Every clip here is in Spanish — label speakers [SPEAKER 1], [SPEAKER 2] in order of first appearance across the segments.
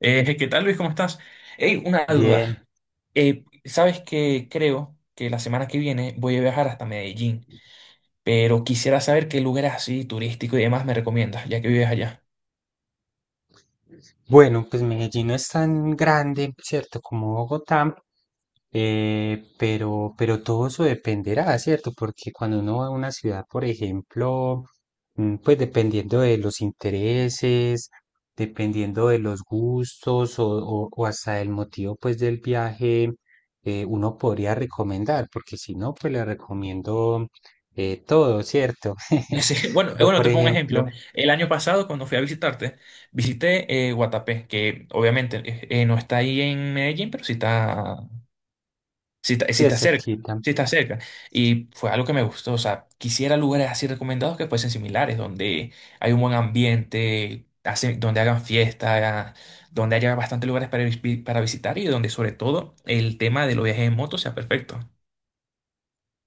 [SPEAKER 1] ¿Qué tal, Luis? ¿Cómo estás? Hey, una
[SPEAKER 2] Bien.
[SPEAKER 1] duda. ¿Sabes que Creo que la semana que viene voy a viajar hasta Medellín, pero quisiera saber qué lugares así turístico y demás me recomiendas, ya que vives allá.
[SPEAKER 2] Bueno, pues Medellín no es tan grande, ¿cierto? Como Bogotá, pero todo eso dependerá, ¿cierto? Porque cuando uno va a una ciudad, por ejemplo, pues dependiendo de los intereses, dependiendo de los gustos o hasta el motivo, pues, del viaje, uno podría recomendar, porque si no, pues le recomiendo todo, ¿cierto?
[SPEAKER 1] Sí, bueno,
[SPEAKER 2] Pero,
[SPEAKER 1] bueno,
[SPEAKER 2] por
[SPEAKER 1] te pongo un ejemplo.
[SPEAKER 2] ejemplo,
[SPEAKER 1] El año pasado, cuando fui a visitarte, visité Guatapé, que obviamente no está ahí en Medellín, pero sí está. Si
[SPEAKER 2] sí
[SPEAKER 1] está
[SPEAKER 2] es
[SPEAKER 1] cerca,
[SPEAKER 2] cerquita.
[SPEAKER 1] si está cerca. Y fue algo que me gustó. O sea, quisiera lugares así recomendados que fuesen similares, donde hay un buen ambiente, donde hagan fiesta, donde haya bastantes lugares para visitar y donde sobre todo el tema de los viajes en moto sea perfecto.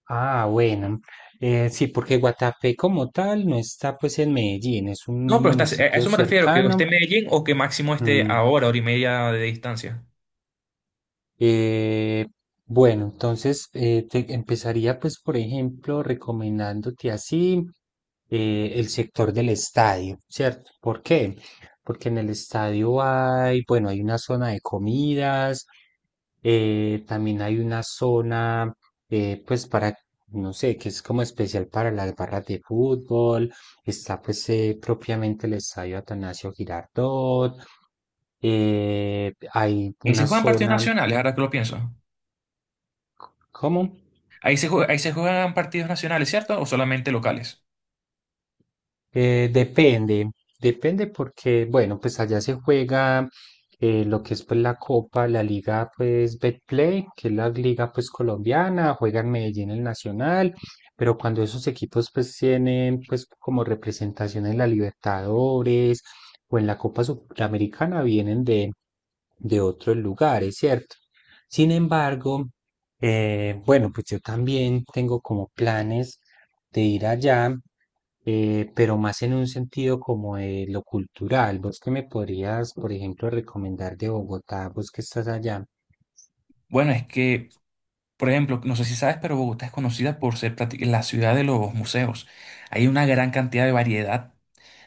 [SPEAKER 2] Ah, bueno. Sí, porque Guatapé como tal no está pues en Medellín, es un
[SPEAKER 1] No, pero está, a
[SPEAKER 2] municipio
[SPEAKER 1] eso me refiero, que esté en
[SPEAKER 2] cercano.
[SPEAKER 1] Medellín o que máximo esté
[SPEAKER 2] mm,
[SPEAKER 1] a hora, hora y media de distancia.
[SPEAKER 2] Eh, bueno, entonces te empezaría pues por ejemplo recomendándote así el sector del estadio, ¿cierto? ¿Por qué? Porque en el estadio hay, bueno, hay una zona de comidas, también hay una zona, pues para, no sé, que es como especial para las barras de fútbol. Está pues propiamente el estadio Atanasio Girardot. Hay
[SPEAKER 1] Ahí se
[SPEAKER 2] una
[SPEAKER 1] juegan partidos
[SPEAKER 2] zona.
[SPEAKER 1] nacionales, ahora que lo pienso.
[SPEAKER 2] ¿Cómo?
[SPEAKER 1] Ahí se juegan partidos nacionales, ¿cierto? ¿O solamente locales?
[SPEAKER 2] Eh, depende, depende porque, bueno, pues allá se juega lo que es pues la Copa, la Liga pues Betplay, que es la liga pues colombiana, juega en Medellín el Nacional, pero cuando esos equipos pues tienen pues como representación en la Libertadores o en la Copa Sudamericana vienen de otros lugares, ¿cierto? Sin embargo, bueno, pues yo también tengo como planes de ir allá, pero más en un sentido como de lo cultural. ¿Vos qué me podrías, por ejemplo, recomendar de Bogotá? ¿Vos que estás allá?
[SPEAKER 1] Bueno, es que por ejemplo, no sé si sabes, pero Bogotá es conocida por ser la ciudad de los museos. Hay una gran cantidad de variedad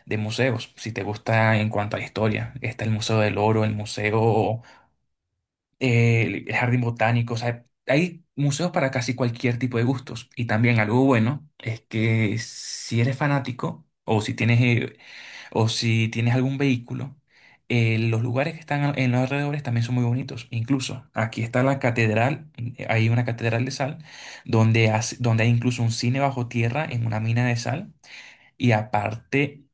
[SPEAKER 1] de museos, si te gusta en cuanto a la historia. Está el Museo del Oro, el Museo, el Jardín Botánico. O sea, hay museos para casi cualquier tipo de gustos. Y también algo bueno es que si eres fanático o si tienes algún vehículo, los lugares que están en los alrededores también son muy bonitos. Incluso aquí está la catedral, hay una catedral de sal, donde hay incluso un cine bajo tierra en una mina de sal. Y aparte,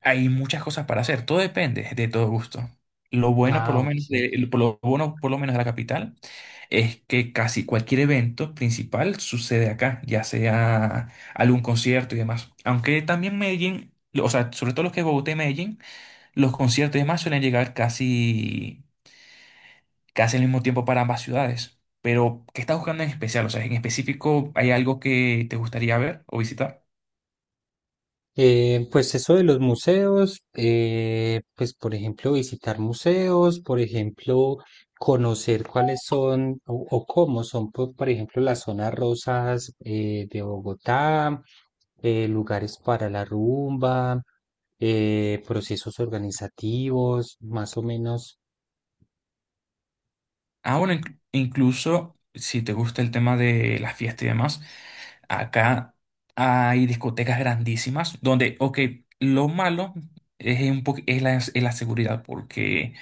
[SPEAKER 1] hay muchas cosas para hacer. Todo depende de todo gusto. Lo bueno, por
[SPEAKER 2] Ah,
[SPEAKER 1] lo menos,
[SPEAKER 2] ok.
[SPEAKER 1] de, Por lo bueno, por lo menos de la capital es que casi cualquier evento principal sucede acá, ya sea algún concierto y demás. Aunque también Medellín, o sea, sobre todo los que es Bogotá y Medellín, los conciertos y demás suelen llegar casi, casi al mismo tiempo para ambas ciudades. Pero, ¿qué estás buscando en especial? O sea, en específico, ¿hay algo que te gustaría ver o visitar?
[SPEAKER 2] Pues eso de los museos, pues por ejemplo visitar museos, por ejemplo conocer cuáles son o cómo son, por ejemplo, las zonas rosas de Bogotá, lugares para la rumba, procesos organizativos, más o menos.
[SPEAKER 1] Ah, bueno, incluso si te gusta el tema de las fiestas y demás, acá hay discotecas grandísimas donde, ok, lo malo es, es la seguridad, porque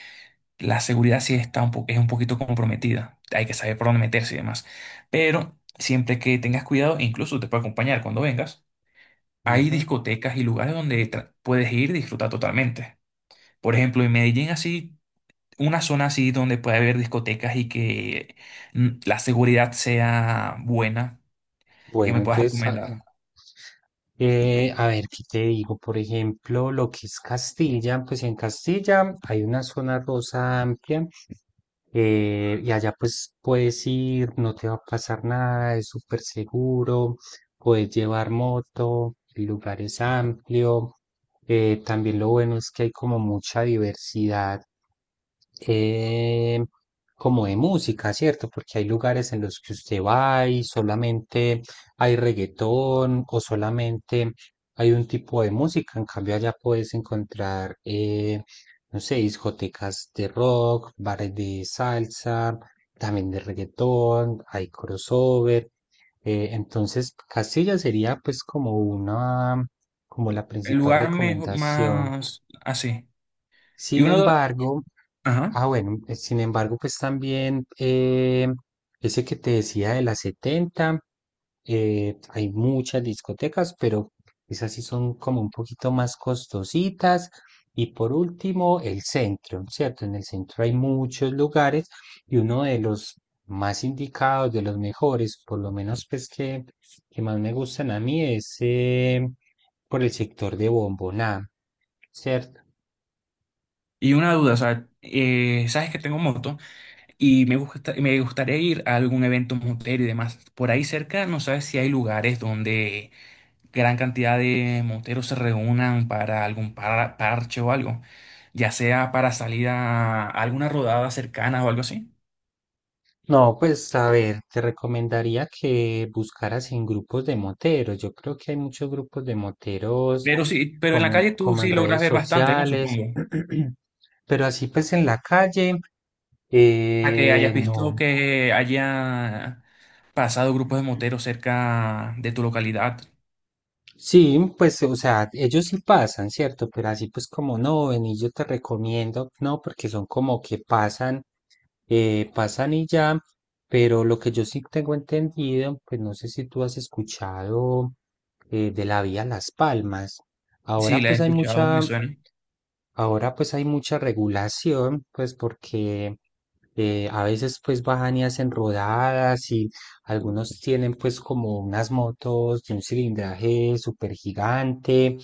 [SPEAKER 1] la seguridad sí está es un poquito comprometida. Hay que saber por dónde meterse y demás. Pero siempre que tengas cuidado, e incluso te puedo acompañar cuando vengas, hay discotecas y lugares donde puedes ir y disfrutar totalmente. Por ejemplo, en Medellín, así, una zona así donde puede haber discotecas y que la seguridad sea buena, que
[SPEAKER 2] Bueno,
[SPEAKER 1] me puedas
[SPEAKER 2] entonces,
[SPEAKER 1] recomendar.
[SPEAKER 2] a ver, ¿qué te digo? Por ejemplo, lo que es Castilla, pues en Castilla hay una zona rosa amplia, y allá pues puedes ir, no te va a pasar nada, es súper seguro, puedes llevar moto, el lugar es amplio. También lo bueno es que hay como mucha diversidad eh, como de música, ¿cierto? Porque hay lugares en los que usted va y solamente hay reggaetón o solamente hay un tipo de música. En cambio, allá puedes encontrar no sé, discotecas de rock, bares de salsa, también de reggaetón, hay crossover. Entonces, Castilla sería pues como como la
[SPEAKER 1] El
[SPEAKER 2] principal
[SPEAKER 1] lugar mejor,
[SPEAKER 2] recomendación.
[SPEAKER 1] más así. Y
[SPEAKER 2] Sin
[SPEAKER 1] una duda,
[SPEAKER 2] embargo,
[SPEAKER 1] ajá.
[SPEAKER 2] bueno, sin embargo, pues también ese que te decía de las 70, hay muchas discotecas, pero esas sí son como un poquito más costositas. Y por último, el centro, ¿cierto? En el centro hay muchos lugares y uno de los más indicados, de los mejores, por lo menos pues que más me gustan a mí, es por el sector de Bomboná, ¿cierto?
[SPEAKER 1] Y una duda, o sea, sabes que tengo moto. Y me gustaría ir a algún evento motero y demás. Por ahí cerca, no sabes si hay lugares donde gran cantidad de moteros se reúnan para algún parche o algo, ya sea para salir a alguna rodada cercana o algo así.
[SPEAKER 2] No, pues a ver, te recomendaría que buscaras en grupos de moteros. Yo creo que hay muchos grupos de moteros
[SPEAKER 1] Pero sí, pero en la calle
[SPEAKER 2] como,
[SPEAKER 1] tú
[SPEAKER 2] como en
[SPEAKER 1] sí logras
[SPEAKER 2] redes
[SPEAKER 1] ver bastante, ¿no?
[SPEAKER 2] sociales.
[SPEAKER 1] Supongo.
[SPEAKER 2] Pero así pues en la calle,
[SPEAKER 1] A que hayas
[SPEAKER 2] no.
[SPEAKER 1] visto que haya pasado grupos de moteros cerca de tu localidad.
[SPEAKER 2] Sí, pues, o sea, ellos sí pasan, ¿cierto? Pero así pues como no, ven y yo te recomiendo, no, porque son como que pasan y ya, pero lo que yo sí tengo entendido, pues no sé si tú has escuchado de la vía Las Palmas.
[SPEAKER 1] Sí,
[SPEAKER 2] Ahora
[SPEAKER 1] la he
[SPEAKER 2] pues hay
[SPEAKER 1] escuchado, me
[SPEAKER 2] mucha,
[SPEAKER 1] suena.
[SPEAKER 2] Ahora pues hay mucha regulación, pues porque a veces pues bajan y hacen rodadas y algunos tienen pues como unas motos de un cilindraje súper gigante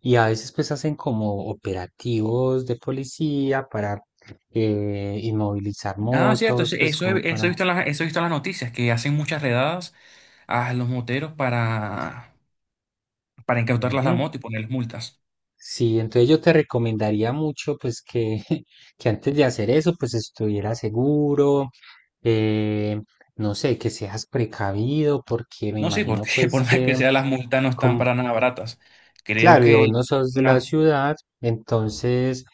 [SPEAKER 2] y a veces pues hacen como operativos de policía para inmovilizar
[SPEAKER 1] Ah, cierto,
[SPEAKER 2] motos, pues como para...
[SPEAKER 1] eso he visto en las noticias, que hacen muchas redadas a los moteros para, incautarles
[SPEAKER 2] Ujú.
[SPEAKER 1] la moto y ponerles multas.
[SPEAKER 2] Sí, entonces yo te recomendaría mucho pues que, que antes de hacer eso pues estuviera seguro, eh, no sé, que seas precavido porque me
[SPEAKER 1] No sí,
[SPEAKER 2] imagino
[SPEAKER 1] porque
[SPEAKER 2] pues
[SPEAKER 1] por más que
[SPEAKER 2] que,
[SPEAKER 1] sea, las multas no están
[SPEAKER 2] como,
[SPEAKER 1] para nada baratas. Creo
[SPEAKER 2] claro, y vos
[SPEAKER 1] que
[SPEAKER 2] no sos de la
[SPEAKER 1] una,
[SPEAKER 2] ciudad, entonces,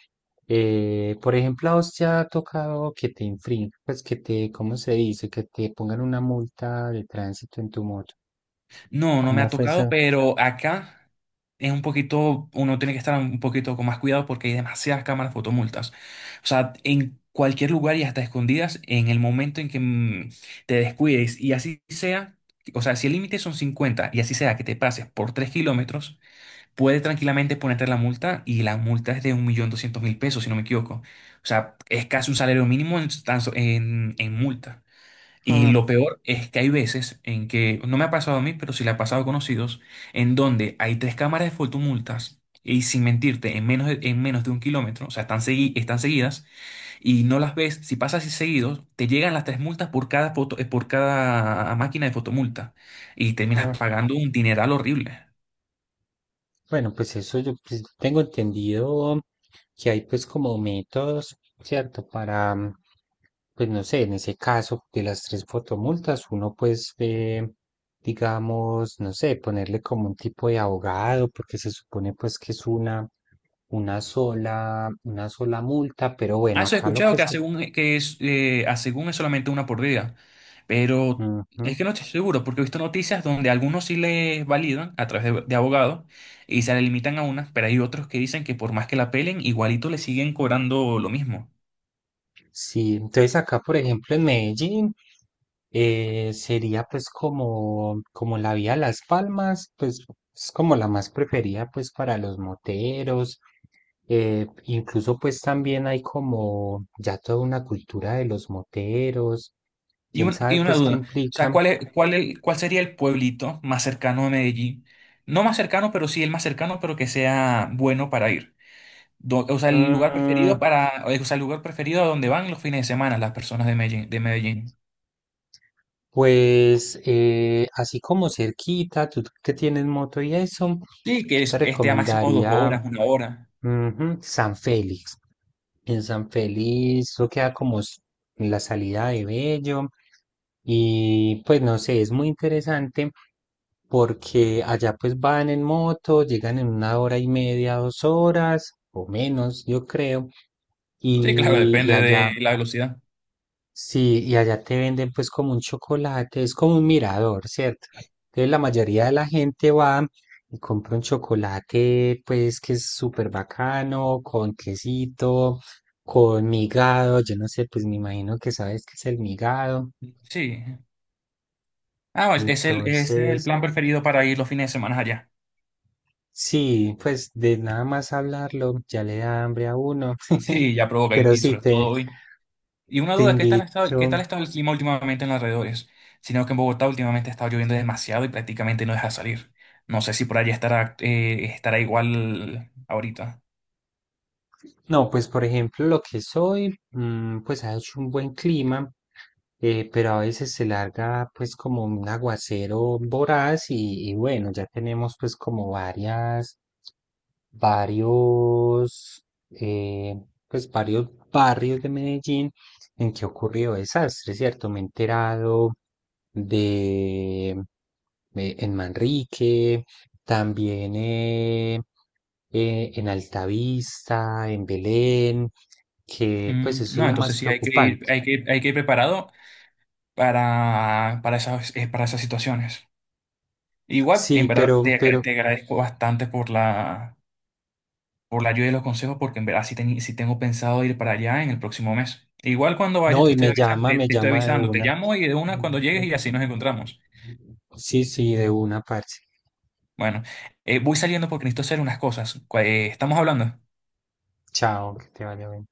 [SPEAKER 2] por ejemplo, a vos te ha tocado que te infrinjan, pues que te, ¿cómo se dice? Que te pongan una multa de tránsito en tu moto.
[SPEAKER 1] no, no me ha
[SPEAKER 2] ¿Cómo fue
[SPEAKER 1] tocado,
[SPEAKER 2] eso?
[SPEAKER 1] pero acá es un poquito, uno tiene que estar un poquito con más cuidado porque hay demasiadas cámaras fotomultas. O sea, en cualquier lugar y hasta escondidas, en el momento en que te descuides y así sea, o sea, si el límite son 50 y así sea que te pases por 3 kilómetros, puede tranquilamente ponerte la multa y la multa es de $1.200.000, si no me equivoco. O sea, es casi un salario mínimo en, en multa. Y
[SPEAKER 2] Ah,
[SPEAKER 1] lo peor es que hay veces en que, no me ha pasado a mí, pero sí le ha pasado a conocidos, en donde hay tres cámaras de fotomultas y sin mentirte, en menos de, un kilómetro. O sea, están seguidas y no las ves. Si pasas así seguido, te llegan las tres multas por cada foto, por cada máquina de fotomulta y terminas
[SPEAKER 2] ah.
[SPEAKER 1] pagando un dineral horrible.
[SPEAKER 2] Bueno, pues eso yo pues, tengo entendido que hay pues como métodos, ¿cierto? Para, pues no sé, en ese caso de las tres fotomultas, uno pues digamos, no sé, ponerle como un tipo de abogado, porque se supone pues que es una sola multa, pero
[SPEAKER 1] Ah,
[SPEAKER 2] bueno,
[SPEAKER 1] eso he
[SPEAKER 2] acá lo
[SPEAKER 1] escuchado
[SPEAKER 2] que
[SPEAKER 1] que,
[SPEAKER 2] se...
[SPEAKER 1] hace un- que es, a según es solamente una por día. Pero
[SPEAKER 2] Ujú.
[SPEAKER 1] es que no estoy seguro, porque he visto noticias donde algunos sí les validan a través de abogados y se le limitan a una, pero hay otros que dicen que por más que la pelen, igualito le siguen cobrando lo mismo.
[SPEAKER 2] Sí, entonces acá, por ejemplo, en Medellín, sería pues como la vía Las Palmas, pues es como la más preferida pues para los moteros. Incluso pues también hay como ya toda una cultura de los moteros.
[SPEAKER 1] Y,
[SPEAKER 2] ¿Quién
[SPEAKER 1] un- y
[SPEAKER 2] sabe
[SPEAKER 1] una
[SPEAKER 2] pues qué
[SPEAKER 1] duda, o sea,
[SPEAKER 2] implica?
[SPEAKER 1] ¿cuál sería el pueblito más cercano a Medellín. No más cercano, pero sí el más cercano, pero que sea bueno para ir. O sea,
[SPEAKER 2] mm,
[SPEAKER 1] el lugar preferido a donde van los fines de semana las personas de Medellín, de Medellín.
[SPEAKER 2] Pues así como cerquita, tú que tienes moto y eso, yo
[SPEAKER 1] Sí, que
[SPEAKER 2] te
[SPEAKER 1] esté a máximo dos
[SPEAKER 2] recomendaría,
[SPEAKER 1] horas, una hora.
[SPEAKER 2] ujú, San Félix. En San Félix, eso queda como en la salida de Bello. Y pues no sé, es muy interesante porque allá pues van en moto, llegan en una hora y media, 2 horas o menos, yo creo.
[SPEAKER 1] Sí, claro,
[SPEAKER 2] Y
[SPEAKER 1] depende
[SPEAKER 2] allá
[SPEAKER 1] de la velocidad.
[SPEAKER 2] Sí, y allá te venden pues como un chocolate, es como un mirador, ¿cierto? Entonces la mayoría de la gente va y compra un chocolate pues que es súper bacano, con quesito, con migado, yo no sé, pues me imagino que sabes qué es el migado.
[SPEAKER 1] Sí. Ah, es, es el
[SPEAKER 2] Entonces,
[SPEAKER 1] plan preferido para ir los fines de semana allá.
[SPEAKER 2] sí, pues de nada más hablarlo ya le da hambre a uno.
[SPEAKER 1] Sí, ya provoca,
[SPEAKER 2] Pero
[SPEAKER 1] y
[SPEAKER 2] sí,
[SPEAKER 1] sobre
[SPEAKER 2] te,
[SPEAKER 1] todo hoy. Y una
[SPEAKER 2] te
[SPEAKER 1] duda, qué
[SPEAKER 2] invito.
[SPEAKER 1] tal ha estado el clima últimamente en los alrededores. Sino que en Bogotá últimamente ha estado lloviendo demasiado y prácticamente no deja salir. No sé si por allá estará igual ahorita.
[SPEAKER 2] No, pues por ejemplo, lo que soy, pues ha hecho un buen clima, pero a veces se larga pues como un aguacero voraz y bueno, ya tenemos pues como varias, varios, eh, pues varios barrios de Medellín en que ha ocurrido desastre, ¿cierto? Me he enterado de, en Manrique, también en Altavista, en Belén, que pues
[SPEAKER 1] Mm,
[SPEAKER 2] eso es
[SPEAKER 1] no,
[SPEAKER 2] lo
[SPEAKER 1] entonces
[SPEAKER 2] más
[SPEAKER 1] sí hay que ir,
[SPEAKER 2] preocupante.
[SPEAKER 1] hay que ir preparado para esas situaciones. Igual, en
[SPEAKER 2] Sí,
[SPEAKER 1] verdad, te,
[SPEAKER 2] pero,
[SPEAKER 1] agra-
[SPEAKER 2] pero,
[SPEAKER 1] te agradezco bastante por la ayuda y los consejos, porque en verdad sí tengo pensado ir para allá en el próximo mes. Igual cuando vayas
[SPEAKER 2] no,
[SPEAKER 1] te
[SPEAKER 2] y
[SPEAKER 1] estoy
[SPEAKER 2] me
[SPEAKER 1] avisando,
[SPEAKER 2] llama, me llama de
[SPEAKER 1] te
[SPEAKER 2] una.
[SPEAKER 1] llamo y de una cuando llegues y así nos encontramos.
[SPEAKER 2] Sí, sí, de una parte.
[SPEAKER 1] Bueno, voy saliendo porque necesito hacer unas cosas. Estamos hablando.
[SPEAKER 2] Chao, que te vaya bien.